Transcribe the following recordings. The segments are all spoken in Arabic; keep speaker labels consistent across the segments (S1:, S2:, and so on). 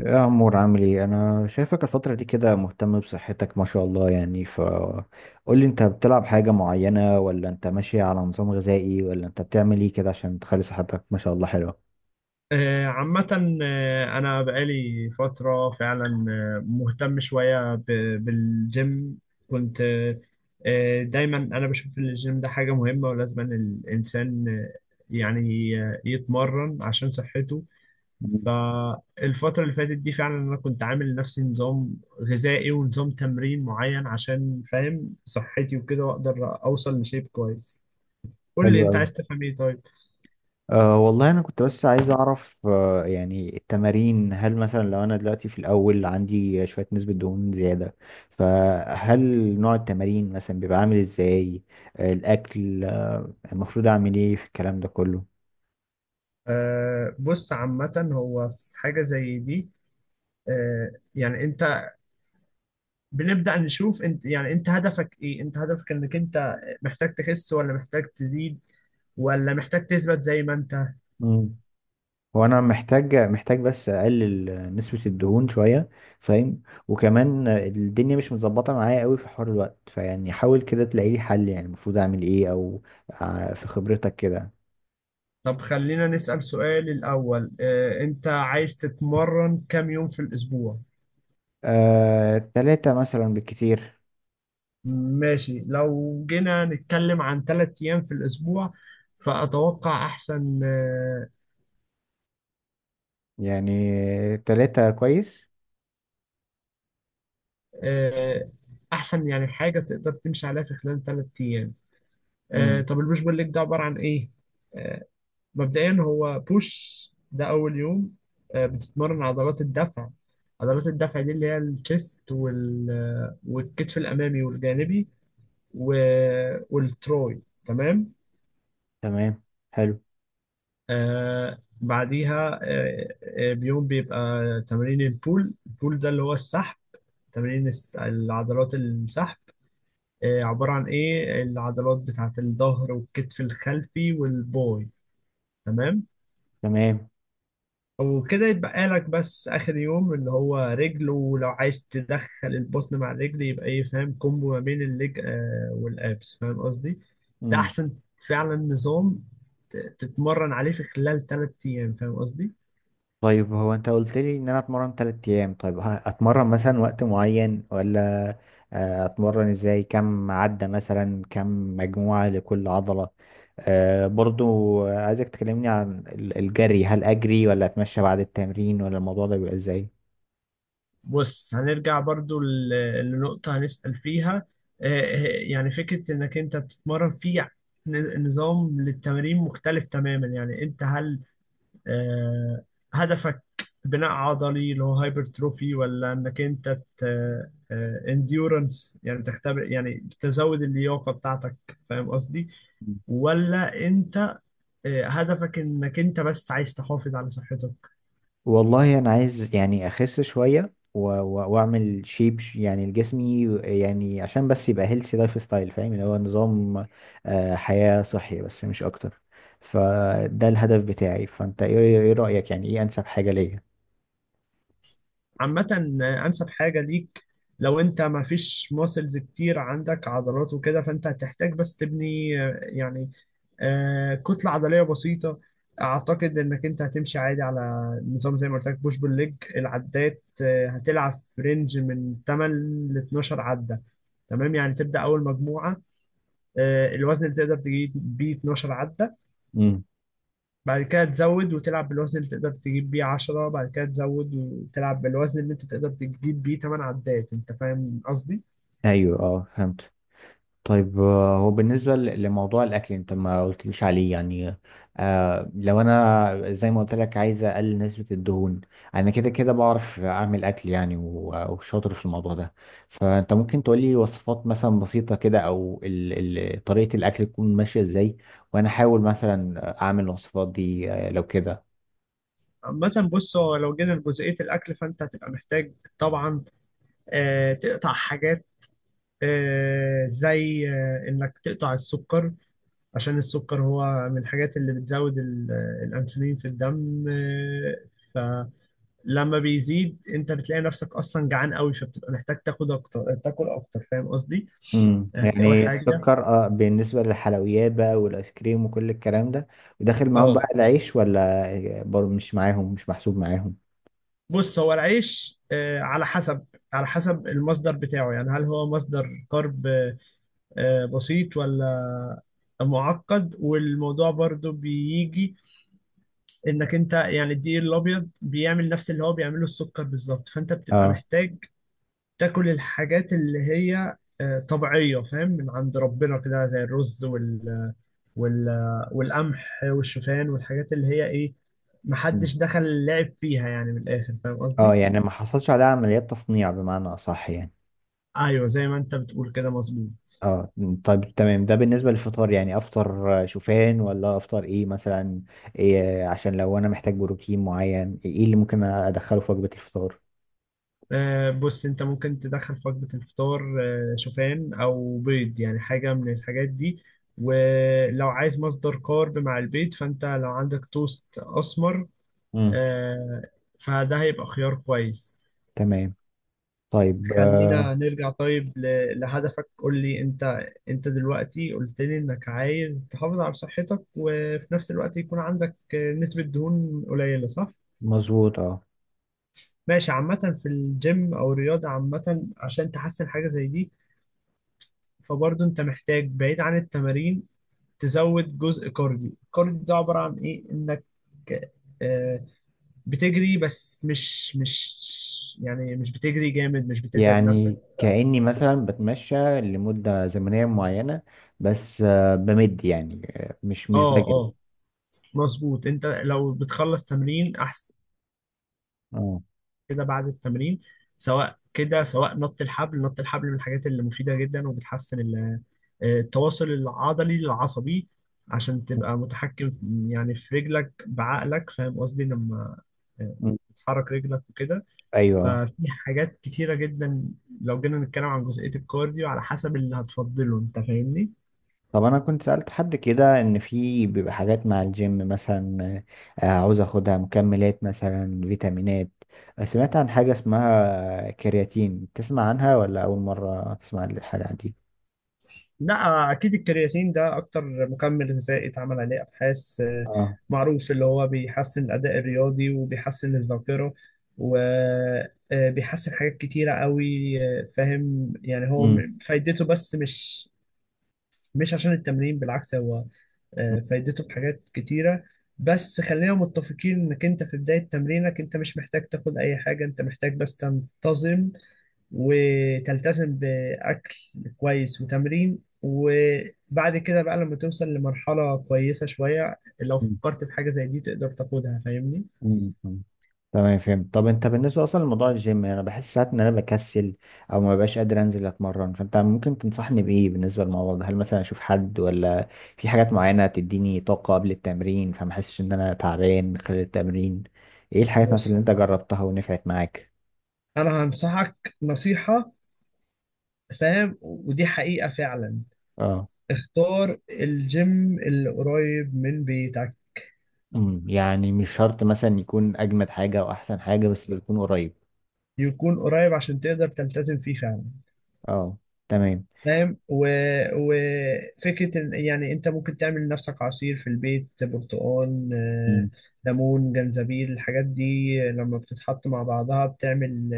S1: يا عمور عامل ايه؟ انا شايفك الفترة دي كده مهتم بصحتك ما شاء الله، يعني ف قول لي، انت بتلعب حاجة معينة، ولا انت ماشي على نظام غذائي، ولا انت بتعمل ايه كده عشان تخلي صحتك ما شاء الله حلوة؟
S2: عامة، أنا بقالي فترة فعلا. مهتم شوية بالجيم. كنت آه، آه، دايما أنا بشوف إن الجيم ده حاجة مهمة ولازم إن الإنسان يتمرن عشان صحته.
S1: مم.
S2: فالفترة اللي فاتت دي فعلا أنا كنت عامل لنفسي نظام غذائي ونظام تمرين معين عشان فاهم صحتي وكده، وأقدر أوصل لشيب كويس. قول لي
S1: حلو
S2: أنت
S1: أوي.
S2: عايز تفهم إيه طيب؟
S1: أه والله انا كنت بس عايز اعرف، يعني التمارين هل مثلا لو انا دلوقتي في الاول عندي شوية نسبة دهون زيادة، فهل نوع التمارين مثلا بيبقى عامل ازاي؟ الاكل، المفروض اعمل ايه في الكلام ده كله؟
S2: بص، عامة هو في حاجة زي دي. انت، بنبدأ نشوف انت، يعني انت هدفك ايه، انت هدفك انك انت محتاج تخس، ولا محتاج تزيد، ولا محتاج تثبت زي ما انت.
S1: وانا محتاج بس اقلل نسبة الدهون شوية، فاهم؟ وكمان الدنيا مش متظبطة معايا قوي في حوار الوقت، فيعني حاول كده تلاقي لي حل، يعني المفروض اعمل ايه؟ في خبرتك كده.
S2: طب خلينا نسأل سؤال الأول، انت عايز تتمرن كام يوم في الأسبوع؟
S1: تلاتة مثلا بالكتير.
S2: ماشي، لو جينا نتكلم عن ثلاث أيام في الأسبوع فأتوقع أحسن.
S1: يعني تلاتة كويس.
S2: آه، أحسن يعني حاجة تقدر تمشي عليها في خلال ثلاث أيام.
S1: امم.
S2: طب البوش بول ليج ده عبارة عن إيه؟ آه، مبدئيا هو بوش ده اول يوم، بتتمرن عضلات الدفع. عضلات الدفع دي اللي هي الشيست والكتف الامامي والجانبي و... والتروي، تمام.
S1: تمام. حلو.
S2: بعديها بيوم بيبقى تمارين البول. البول ده اللي هو السحب، تمارين العضلات السحب، عبارة عن ايه، العضلات بتاعت الظهر والكتف الخلفي والباي، تمام.
S1: تمام.
S2: وكده يتبقى لك بس اخر يوم اللي هو رجل، ولو عايز تدخل البطن مع الرجل يبقى ايه فاهم، كومبو ما بين الليج والابس، فاهم قصدي. ده
S1: مم.
S2: احسن فعلا، نظام تتمرن عليه في خلال ثلاث ايام، فاهم قصدي؟
S1: طيب هو انت قلت لي ان انا اتمرن 3 ايام، طيب اتمرن مثلا وقت معين، ولا اتمرن ازاي؟ كم عدة مثلا؟ كم مجموعة لكل عضلة؟ برضو عايزك تكلمني عن الجري، هل اجري ولا اتمشى بعد التمرين، ولا الموضوع ده بيبقى ازاي؟
S2: بص، هنرجع برضو لنقطة هنسأل فيها. يعني فكرة انك انت بتتمرن في نظام للتمارين مختلف تماما. يعني انت هل آه، هدفك بناء عضلي اللي هو هايبرتروفي، ولا انك انت انديورنس يعني تختبر يعني تزود اللياقة بتاعتك، فاهم قصدي؟ ولا انت هدفك انك انت بس عايز تحافظ على صحتك؟
S1: والله انا عايز يعني اخس شويه واعمل شيب، يعني لجسمي، يعني عشان بس يبقى هيلثي لايف ستايل، فاهم؟ اللي هو نظام، حياه صحي بس مش اكتر. فده الهدف بتاعي. فانت إيه رايك؟ يعني ايه انسب حاجه ليا؟
S2: عامة، أنسب حاجة ليك لو أنت ما فيش ماسلز كتير عندك عضلات وكده، فأنت هتحتاج بس تبني كتلة عضلية بسيطة. أعتقد إنك أنت هتمشي عادي على نظام زي ما قلت لك، بوش بول ليج. العدات هتلعب في رينج من 8 ل 12 عدة. تمام، يعني تبدأ أول مجموعة الوزن اللي تقدر تجيب بيه 12 عدة،
S1: امم.
S2: بعد كده تزود وتلعب بالوزن اللي تقدر تجيب بيه 10، بعد كده تزود وتلعب بالوزن اللي انت تقدر تجيب بيه 8 عدات، انت فاهم قصدي؟
S1: ايوه اه فهمت. طيب هو بالنسبة لموضوع الأكل أنت ما قلتليش عليه، يعني لو أنا زي ما قلت لك عايز أقلل نسبة الدهون. أنا كده كده بعرف أعمل أكل، يعني وشاطر في الموضوع ده، فأنت ممكن تقولي وصفات مثلا بسيطة كده، أو ال طريقة الأكل تكون ماشية إزاي، وأنا أحاول مثلا أعمل الوصفات دي لو كده.
S2: عامة بص، هو لو جينا لجزئية الأكل فأنت هتبقى محتاج طبعا تقطع حاجات، آه، زي آه، إنك تقطع السكر. عشان السكر هو من الحاجات اللي بتزود الأنسولين في الدم. لما بيزيد أنت بتلاقي نفسك أصلا جعان قوي، فبتبقى محتاج تاخد أكتر تاكل أكتر، فاهم قصدي؟
S1: امم.
S2: دي أول
S1: يعني
S2: حاجة.
S1: السكر، اه، بالنسبة للحلويات بقى والايس كريم وكل الكلام ده؟ وداخل معاهم بقى
S2: اه
S1: العيش، ولا برضه مش معاهم، مش محسوب معاهم؟
S2: بص، هو العيش على حسب، على حسب المصدر بتاعه. يعني هل هو مصدر كارب بسيط ولا معقد، والموضوع برضو بيجي انك انت يعني الدقيق الابيض بيعمل نفس اللي هو بيعمله السكر بالظبط، فانت بتبقى
S1: اه.
S2: محتاج تاكل الحاجات اللي هي طبيعية فاهم، من عند ربنا كده زي الرز وال والقمح والشوفان والحاجات اللي هي ايه،
S1: مم.
S2: محدش دخل لعب فيها يعني، من الاخر، فاهم
S1: اه،
S2: قصدي؟
S1: يعني ما حصلش عليها عمليات تصنيع بمعنى اصح يعني.
S2: ايوه، زي ما انت بتقول كده، مظبوط.
S1: اه. طيب تمام. ده بالنسبة للفطار، يعني افطر شوفان، ولا افطر ايه مثلا؟ إيه عشان لو انا محتاج بروتين معين، ايه اللي ممكن ادخله في وجبة الفطار؟
S2: بص، انت ممكن تدخل في وجبة الفطار شوفان او بيض، يعني حاجة من الحاجات دي. ولو عايز مصدر كارب مع البيض فانت لو عندك توست اسمر،
S1: امم.
S2: آه، فده هيبقى خيار كويس.
S1: تمام. طيب
S2: خلينا
S1: آه.
S2: نرجع طيب لهدفك. قول لي انت، انت دلوقتي قلت لي انك عايز تحافظ على صحتك وفي نفس الوقت يكون عندك نسبة دهون قليلة، صح؟
S1: مظبوط اه.
S2: ماشي. عامة في الجيم أو الرياضة عامة عشان تحسن حاجة زي دي، فبرضه انت محتاج بعيد عن التمارين تزود جزء كارديو. الكارديو ده عبارة عن ايه، انك آه، بتجري بس مش يعني مش بتجري جامد، مش بتتعب نفسك.
S1: يعني كأني مثلا بتمشى لمدة زمنية معينة، بس بمد يعني، مش
S2: اه
S1: بجري.
S2: اه، مظبوط. انت لو بتخلص تمرين احسن
S1: اه.
S2: كده بعد التمرين، سواء كده سواء نط الحبل، نط الحبل من الحاجات اللي مفيدة جدا وبتحسن التواصل العضلي العصبي، عشان تبقى متحكم يعني في رجلك بعقلك فاهم قصدي، لما
S1: مم.
S2: بتحرك رجلك وكده.
S1: ايوه.
S2: ففي حاجات كتيرة جدا لو جينا نتكلم عن جزئية الكارديو، على حسب اللي هتفضله انت، فاهمني؟
S1: طب انا كنت سألت حد كده ان في بيبقى حاجات مع الجيم مثلا، عاوز اخدها مكملات مثلا، فيتامينات. سمعت عن حاجة اسمها كرياتين؟ تسمع عنها، ولا اول مرة تسمع عن الحاجة دي؟
S2: لا، اكيد الكرياتين ده اكتر مكمل غذائي اتعمل عليه ابحاث،
S1: اه.
S2: معروف اللي هو بيحسن الاداء الرياضي وبيحسن الذاكرة وبيحسن حاجات كتيرة قوي. فاهم، يعني هو
S1: امم.
S2: فايدته، بس مش عشان التمرين، بالعكس هو فايدته في حاجات كتيرة، بس خلينا متفقين انك انت في بداية تمرينك انت مش محتاج تاخد اي حاجة. انت محتاج بس تنتظم وتلتزم بأكل كويس وتمرين، وبعد كده بقى لما توصل لمرحلة كويسة شوية لو فكرت في حاجة زي دي تقدر تاخدها، فاهمني؟
S1: مم. تمام فهمت. طب انت بالنسبه اصلا لموضوع الجيم، انا بحس ساعات ان انا بكسل او ما ببقاش قادر انزل اتمرن، فانت ممكن تنصحني بايه بالنسبه للموضوع ده؟ هل مثلا اشوف حد، ولا في حاجات معينه تديني طاقه قبل التمرين فما احسش ان انا تعبان خلال التمرين؟ ايه الحاجات مثلا
S2: بص،
S1: اللي انت جربتها ونفعت معاك؟
S2: انا هنصحك نصيحة فاهم، ودي حقيقة فعلا:
S1: اه.
S2: اختار الجيم اللي قريب من بيتك،
S1: امم، يعني مش شرط مثلا يكون اجمد حاجه او احسن حاجه، بس يكون قريب.
S2: يكون قريب عشان تقدر تلتزم فيه فعلا.
S1: اه. تمام.
S2: فاهم وفكرة يعني انت ممكن تعمل لنفسك عصير في البيت، برتقال ليمون جنزبيل، الحاجات دي لما بتتحط مع بعضها بتعمل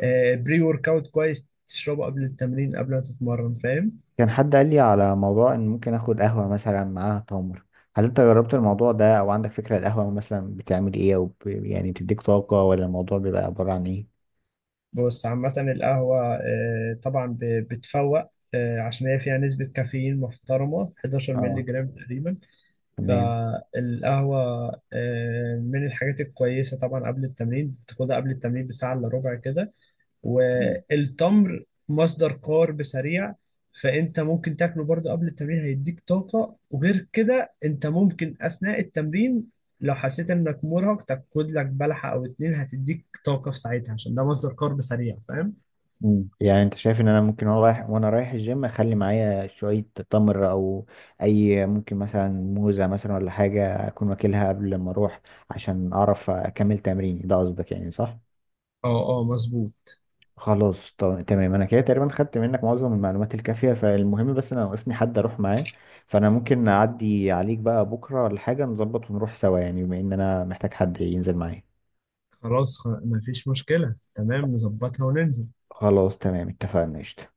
S2: بري ورك اوت كويس، تشربه قبل التمرين قبل ما تتمرن، فاهم؟
S1: كان حد قال لي على موضوع ان ممكن اخد قهوة مثلا معاها تمر، هل انت جربت الموضوع ده، او عندك فكرة القهوة مثلا بتعمل ايه، او يعني بتديك طاقة، ولا الموضوع بيبقى عبارة عن ايه؟
S2: بص عامة القهوة طبعا بتفوق عشان هي فيها نسبة كافيين محترمة 11 مللي
S1: اه.
S2: جرام تقريبا.
S1: تمام.
S2: فالقهوة من الحاجات الكويسة طبعا قبل التمرين، تاخدها قبل التمرين بساعة إلا ربع كده.
S1: مم.
S2: والتمر مصدر كارب سريع، فأنت ممكن تاكله برضه قبل التمرين هيديك طاقة. وغير كده أنت ممكن أثناء التمرين لو حسيت إنك مرهق تاخد لك بلحة أو اتنين هتديك طاقة في ساعتها عشان ده مصدر كارب سريع، فاهم؟
S1: مم. يعني انت شايف ان انا ممكن وانا رايح الجيم اخلي معايا شوية تمر، او اي، ممكن مثلا موزة مثلا ولا حاجة اكون واكلها قبل ما اروح، عشان اعرف اكمل تمريني؟ ده قصدك يعني صح؟
S2: اه اه، مظبوط.
S1: خلاص. طب تمام، انا كده تقريبا خدت منك معظم المعلومات الكافيه، فالمهم بس انا ناقصني حد اروح معاه، فانا ممكن اعدي عليك بقى بكره ولا حاجه نظبط ونروح سوا، يعني بما ان انا محتاج حد ينزل معايا.
S2: خلاص، مفيش مشكلة، تمام، نظبطها وننزل.
S1: خلاص تمام اتفقنا قشطة.